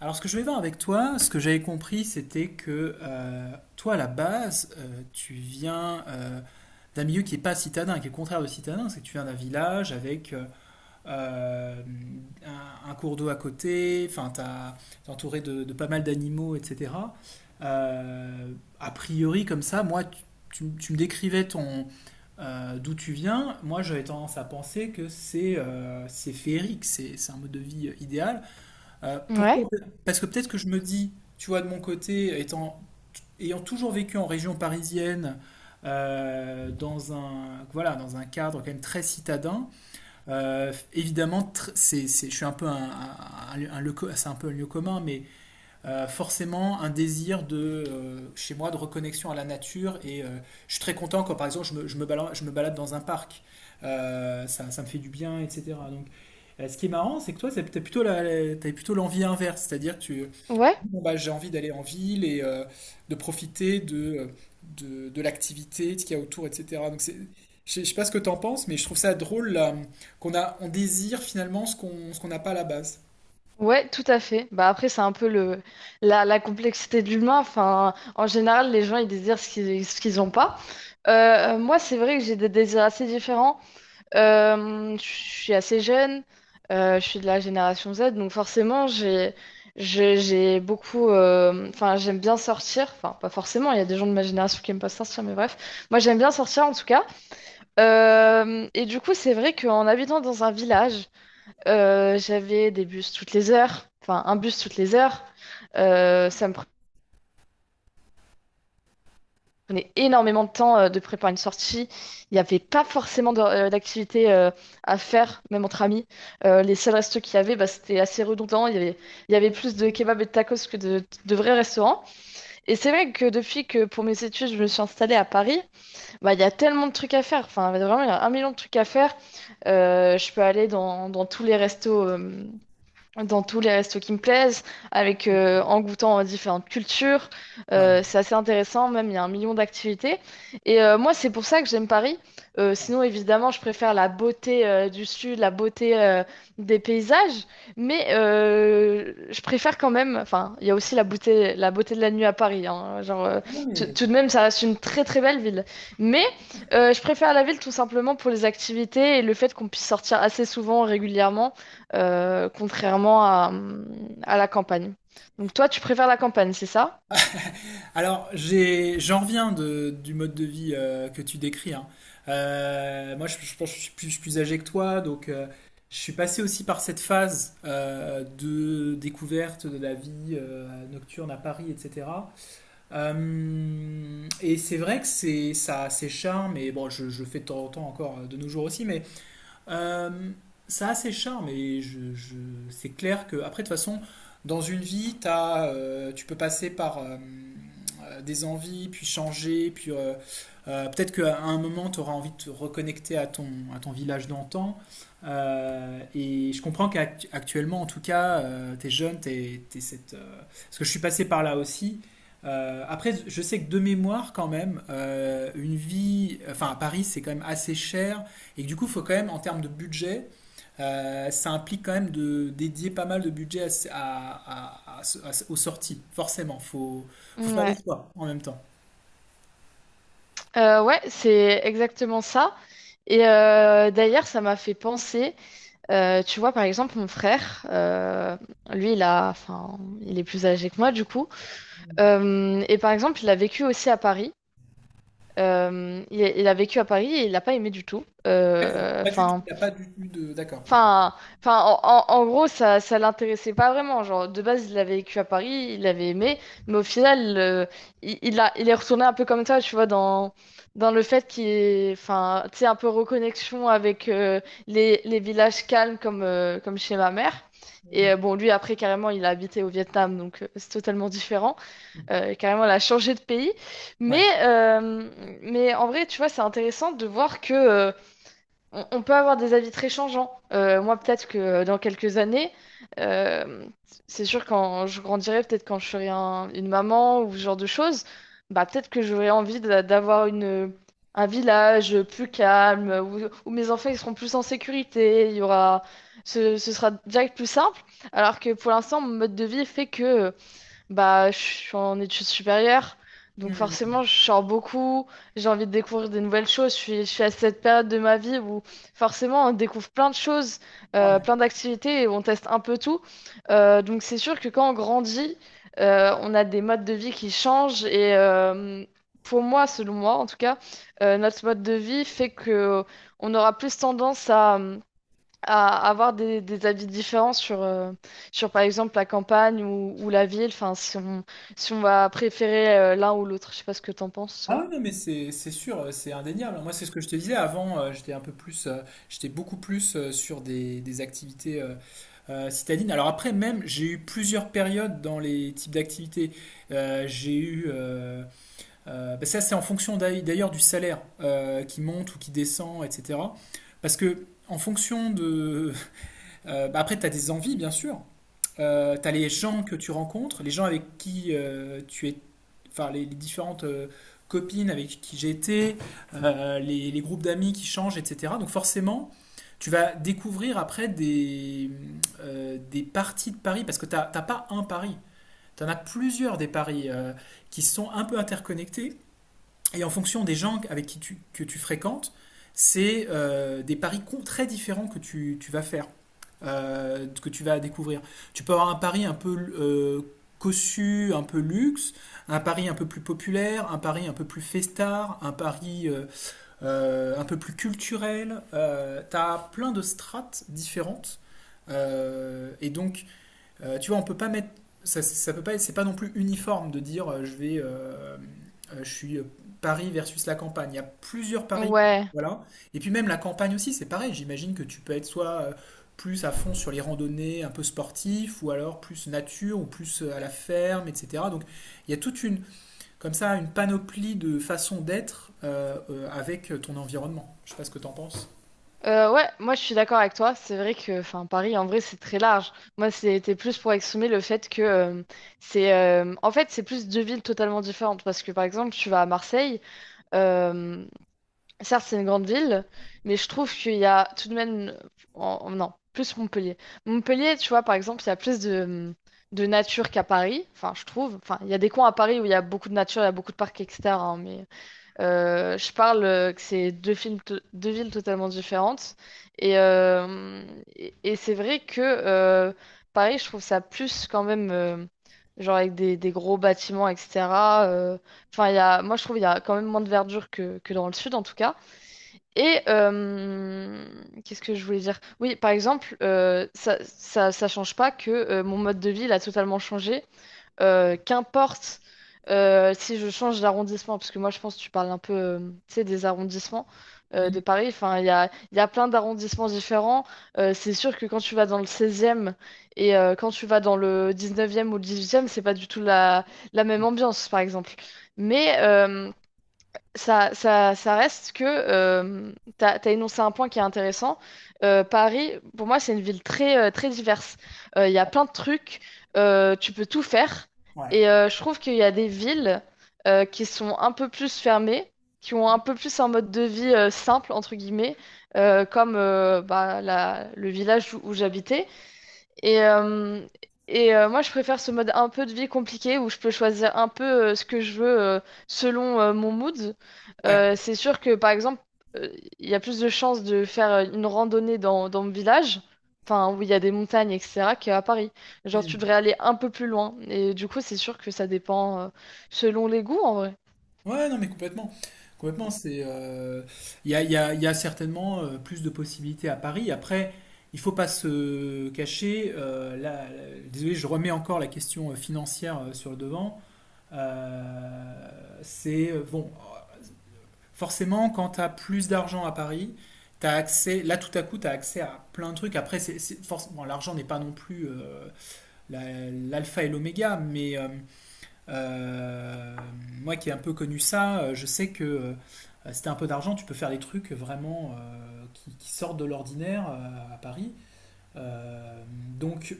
Alors, ce que je vais voir avec toi, ce que j'avais compris, c'était que toi, à la base, tu viens d'un milieu qui n'est pas citadin, qui est le contraire de citadin, c'est que tu viens d'un village avec euh, un cours d'eau à côté, enfin, t'es entouré de pas mal d'animaux, etc. Euh, A priori, comme ça, moi, tu me décrivais ton d'où tu viens. Moi, j'avais tendance à penser que c'est féerique, c'est un mode de vie idéal. Ouais, Pourquoi? Parce que peut-être que je me dis, tu vois, de mon côté, ayant toujours vécu en région parisienne, voilà, dans un cadre quand même très citadin, évidemment, je suis un peu c'est un peu un lieu commun, mais forcément un désir chez moi, de reconnexion à la nature. Et je suis très content quand, par exemple, je me balade dans un parc. Ça me fait du bien, etc. Ce qui est marrant, c'est que toi, t'as plutôt l'envie inverse, c'est-à-dire que tu ouais, bon, bah, j'ai envie d'aller en ville et de profiter de l'activité, de ce qu'il y a autour, etc. Donc je sais pas ce que t'en penses, mais je trouve ça drôle là, on désire finalement ce qu'on n'a pas à la base. ouais, tout à fait. Bah après, c'est un peu la complexité de l'humain. Enfin, en général, les gens ils désirent ce qu'ils n'ont pas. Moi, c'est vrai que j'ai des désirs assez différents. Je suis assez jeune. Je suis de la génération Z, donc forcément, j'ai beaucoup. Enfin, j'aime bien sortir. Enfin, pas forcément. Il y a des gens de ma génération qui aiment pas sortir, mais bref. Moi, j'aime bien sortir en tout cas. Et du coup, c'est vrai qu'en habitant dans un village. J'avais des bus toutes les heures, enfin un bus toutes les heures. Ça me prenait énormément de temps de préparer une sortie. Il n'y avait pas forcément d'activité à faire, même entre amis. Les seuls restos qu'il y avait, bah, c'était assez redondant. Il y avait plus de kebabs et de tacos que de vrais restaurants. Et c'est vrai que depuis que pour mes études, je me suis installée à Paris, bah, il y a tellement de trucs à faire. Enfin, vraiment, il y a un million de trucs à faire. Je peux aller dans tous les restos. Dans tous les restos qui me plaisent, en goûtant à différentes cultures. Ouais. C'est assez intéressant, même il y a un million d'activités. Et moi, c'est pour ça que j'aime Paris. Sinon, évidemment, je préfère la beauté du sud, la beauté des paysages, mais je préfère quand même, enfin, il y a aussi la beauté de la nuit à Paris, hein. Genre, Ah, tout mais. tout de même, ça reste une très très belle ville. Mais je préfère la ville tout simplement pour les activités et le fait qu'on puisse sortir assez souvent, régulièrement, contrairement à la campagne. Donc toi, tu préfères la campagne, c'est ça? Alors, j'en reviens du mode de vie que tu décris, hein. Moi, je pense que je suis plus âgé que toi, donc je suis passé aussi par cette phase de découverte de la vie nocturne à Paris, etc. Et c'est vrai que ça a ses charmes, et bon, je le fais de temps en temps encore de nos jours aussi, mais euh, ça a ses charmes et c'est clair que, après, de toute façon, dans une vie, tu peux passer par des envies, puis changer, puis peut-être qu'à un moment, tu auras envie de te reconnecter à à ton village d'antan. Et je comprends qu'actuellement, en tout cas, tu es jeune, parce que je suis passé par là aussi. Après, je sais que de mémoire, quand même, une vie, enfin à Paris, c'est quand même assez cher. Et que du coup, il faut quand même, en termes de budget, ça implique quand même de dédier pas mal de budget aux sorties, forcément. Il faut faire des Ouais. choix en même temps. Ouais, c'est exactement ça. Et d'ailleurs, ça m'a fait penser, tu vois, par exemple, mon frère, lui, enfin, il est plus âgé que moi, du coup. Et par exemple, il a vécu aussi à Paris. Il a vécu à Paris et il n'a pas aimé du tout. D'accord, pas du tout, il n'y a pas du tout. D'accord. Enfin, enfin, en gros, ça l'intéressait pas vraiment. Genre, de base, il avait vécu à Paris, il avait aimé, mais au final, il est retourné un peu comme ça, tu vois, dans le fait qu'il est, enfin, tu sais, un peu reconnexion avec les villages calmes comme chez ma mère. Hmm. Et bon, lui, après, carrément, il a habité au Vietnam, donc c'est totalement différent. Carrément, il a changé de pays. Mais, euh, mais en vrai, tu vois, c'est intéressant de voir que on peut avoir des avis très changeants. Moi, peut-être que dans quelques années, euh, c'est sûr quand je grandirai, peut-être quand je serai une maman ou ce genre de choses, bah peut-être que j'aurai envie d'avoir une un village plus calme où mes enfants ils seront plus en sécurité. Il y aura, ce sera direct plus simple. Alors que pour l'instant, mon mode de vie fait que bah, je suis en études supérieures, donc Hmm. forcément, je sors beaucoup, j'ai envie de découvrir des nouvelles choses. Je suis à cette période de ma vie où forcément, on découvre plein de choses, Ouais. plein d'activités et on teste un peu tout. Donc, c'est sûr que quand on grandit, on a des modes de vie qui changent et pour moi, selon moi en tout cas, notre mode de vie fait que on aura plus tendance à avoir des avis différents sur, par exemple, la campagne ou la ville, enfin, si on va préférer l'un ou l'autre. Je sais pas ce que t'en penses, Ah toi. ouais, non, mais c'est sûr, c'est indéniable. Moi, c'est ce que je te disais avant, j'étais beaucoup plus sur des activités citadines. Alors après, même, j'ai eu plusieurs périodes dans les types d'activités. Euh, j'ai eu... euh, bah ça, c'est en fonction d'ailleurs du salaire qui monte ou qui descend, etc. Parce que, en fonction de. Bah après, tu as des envies, bien sûr. Tu as les gens que tu rencontres, les gens avec qui tu es. Enfin, les différentes copines avec qui j'ai été, les groupes d'amis qui changent, etc. Donc, forcément, tu vas découvrir après des parties de Paris, parce que tu n'as pas un Paris. Tu en as plusieurs des paris qui sont un peu interconnectés et en fonction des gens avec que tu fréquentes, c'est des paris très différents que tu vas faire, que tu vas découvrir. Tu peux avoir un pari un peu cossu, un peu luxe, un pari un peu plus populaire, un pari un peu plus festard, un pari un peu plus culturel. T'as plein de strates différentes. Et donc, tu vois, on peut pas mettre. Ça peut pas. C'est pas non plus uniforme de dire je vais. Je suis Paris versus la campagne. Il y a plusieurs paris. Ouais. Voilà. Et puis même la campagne aussi, c'est pareil. J'imagine que tu peux être soit plus à fond sur les randonnées un peu sportifs, ou alors plus nature, ou plus à la ferme, etc. Donc il y a comme ça, une panoplie de façons d'être avec ton environnement. Je sais pas ce que t'en penses. Ouais, moi je suis d'accord avec toi. C'est vrai que enfin, Paris, en vrai, c'est très large. Moi, c'était plus pour exprimer le fait que en fait, c'est plus deux villes totalement différentes. Parce que, par exemple, tu vas à Marseille. euh, Certes, c'est une grande ville, mais je trouve qu'il y a tout de même. Non, plus Montpellier. Montpellier, tu vois, par exemple, il y a plus de nature qu'à Paris. Enfin, je trouve. Enfin, il y a des coins à Paris où il y a beaucoup de nature, il y a beaucoup de parcs, etc., hein, mais je parle que c'est deux villes totalement différentes. Et, euh, et c'est vrai que Paris, je trouve ça plus quand même. Genre avec des gros bâtiments, etc. euh, Enfin, moi, je trouve qu'il y a quand même moins de verdure que dans le sud, en tout cas. Et qu'est-ce que je voulais dire? Oui, par exemple, ça change pas que mon mode de vie il a totalement changé. Qu'importe si je change d'arrondissement, parce que moi je pense que tu parles un peu tu sais, des arrondissements de Mm. Paris. Enfin, il y a plein d'arrondissements différents. C'est sûr que quand tu vas dans le 16e et quand tu vas dans le 19e ou le 18e, c'est pas du tout la même ambiance, par exemple. Mais ça reste que tu as énoncé un point qui est intéressant. Paris, pour moi, c'est une ville très diverse. Il y a plein de trucs, tu peux tout faire. Ouais. Et je trouve qu'il y a des villes qui sont un peu plus fermées, qui ont un peu plus un mode de vie simple, entre guillemets, comme bah, le village où j'habitais. Et, euh, et moi, je préfère ce mode un peu de vie compliqué où je peux choisir un peu ce que je veux selon mon mood. Ouais. C'est sûr que, par exemple, euh, il y a plus de chances de faire une randonnée dans mon village, enfin, où il y a des montagnes, etc., qu'à Paris. Genre, tu Mm. devrais aller un peu plus loin. Et du coup, c'est sûr que ça dépend selon les goûts, en vrai. Ouais, non, mais complètement. Complètement, il y a certainement plus de possibilités à Paris. Après, il faut pas se cacher. Là, désolé, je remets encore la question financière sur le devant. Euh, c'est, euh, bon, euh, Forcément, quand tu as plus d'argent à Paris, là, tout à coup, tu as accès à plein de trucs. Après, bon, l'argent n'est pas non plus l'alpha et l'oméga, mais... euh, moi qui ai un peu connu ça, je sais que si t'as un peu d'argent, tu peux faire des trucs vraiment qui sortent de l'ordinaire à Paris. Euh, donc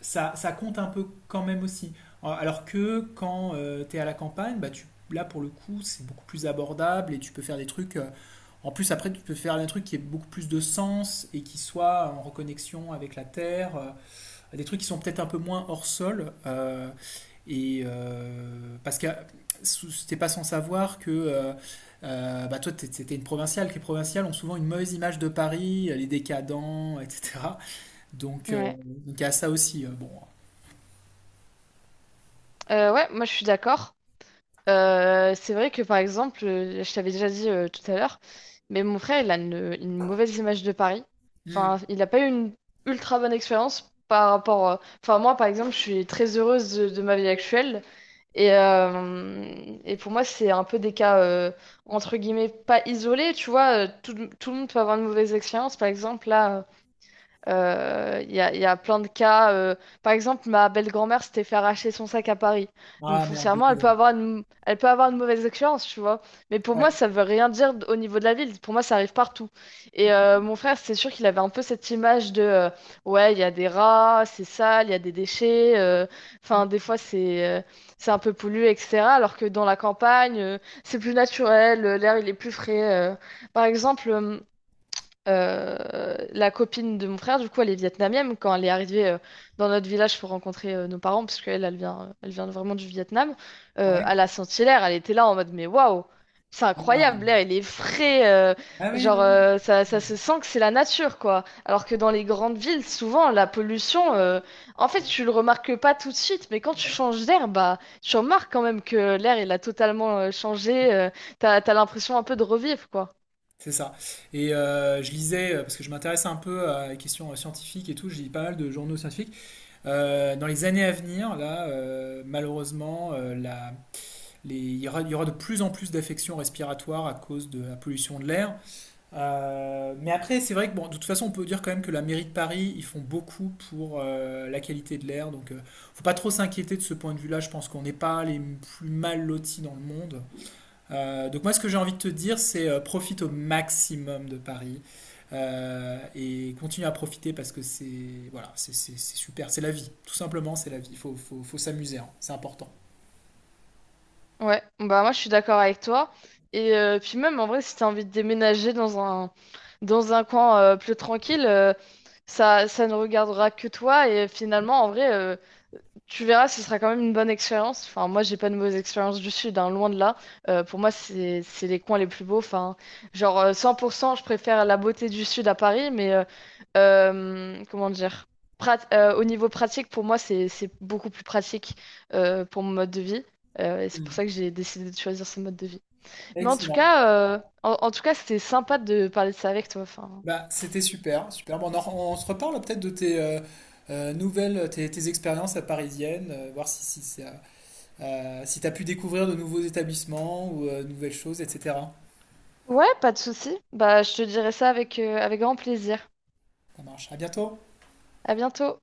ça, ça compte un peu quand même aussi. Alors que quand tu t'es à la campagne, bah là pour le coup c'est beaucoup plus abordable et tu peux faire des trucs. En plus après tu peux faire un truc qui ait beaucoup plus de sens et qui soit en reconnexion avec la terre. Des trucs qui sont peut-être un peu moins hors sol. Et parce que c'était pas sans savoir que bah toi, c'était une provinciale. Que les provinciales ont souvent une mauvaise image de Paris, les décadents, etc. Donc, euh, Ouais. donc il y a ça aussi. Bon. Ouais, moi, je suis d'accord. C'est vrai que par exemple, je t'avais déjà dit tout à l'heure, mais mon frère, il a une mauvaise image de Paris. Hmm. Enfin, il n'a pas eu une ultra bonne expérience par rapport. Enfin, moi, par exemple, je suis très heureuse de ma vie actuelle. Et, euh, et pour moi, c'est un peu des cas, entre guillemets, pas isolés. Tu vois, tout le monde peut avoir une mauvaise expérience. Par exemple, là. Il y a plein de cas. Par exemple, ma belle-grand-mère s'était fait arracher son sac à Paris. Donc Ah merde, foncièrement, désolé. Elle peut avoir une mauvaise expérience, tu vois. Mais pour moi, Ouais, ça veut rien dire au niveau de la ville. Pour moi, ça arrive partout. Et mon frère, c'est sûr qu'il avait un peu cette image de ouais, il y a des rats, c'est sale, il y a des déchets. Enfin, des fois, c'est un peu pollué, etc. Alors que dans la campagne, c'est plus naturel, l'air, il est plus frais. Par exemple. La copine de mon frère, du coup, elle est vietnamienne. Quand elle est arrivée dans notre village pour rencontrer nos parents, parce qu'elle, elle vient, vraiment du Vietnam, ouais. à la Saint-Hilaire, elle était là en mode, mais waouh, c'est Ah, incroyable, l'air, il est frais, Ah oui, genre, oui, oui. Ça Hmm. se sent que c'est la nature, quoi. Alors que dans les grandes villes, souvent, la pollution, en fait, Ouais, tu le remarques pas tout de suite, mais quand tu voilà. changes d'air, bah, tu remarques quand même que l'air, il a totalement changé, t'as l'impression un peu de revivre, quoi. C'est ça. Et je lisais, parce que je m'intéresse un peu à la question scientifique et tout, je lis pas mal de journaux scientifiques. Dans les années à venir, là, malheureusement, il y aura de plus en plus d'affections respiratoires à cause de la pollution de l'air. Mais après, c'est vrai que, bon, de toute façon, on peut dire quand même que la mairie de Paris, ils font beaucoup pour la qualité de l'air. Donc, faut pas trop s'inquiéter de ce point de vue-là. Je pense qu'on n'est pas les plus mal lotis dans le monde. Donc moi, ce que j'ai envie de te dire, c'est profite au maximum de Paris et continue à profiter parce que c'est super, c'est la vie. Tout simplement, c'est la vie. Il faut s'amuser, hein. C'est important. Ouais, bah moi je suis d'accord avec toi. Et puis même en vrai, si t'as envie de déménager dans un coin plus tranquille, ça ne regardera que toi. Et finalement, en vrai, tu verras, ce sera quand même une bonne expérience. Enfin, moi, j'ai pas de mauvaise expérience du sud, hein, loin de là. Pour moi, c'est les coins les plus beaux. Enfin, genre 100%, je préfère la beauté du sud à Paris, mais comment dire? Au niveau pratique, pour moi, c'est beaucoup plus pratique pour mon mode de vie. Et c'est pour Mm. ça que j'ai décidé de choisir ce mode de vie. Mais en tout Excellent. cas, c'était sympa de parler de ça avec toi. Enfin, Bah, c'était super, super. Bon, on se reparle peut-être de tes nouvelles, tes expériences à parisienne, voir si tu as pu découvrir de nouveaux établissements ou de nouvelles choses, etc. ouais, pas de souci. Bah, je te dirai ça avec grand plaisir. Ça marche. À bientôt. À bientôt.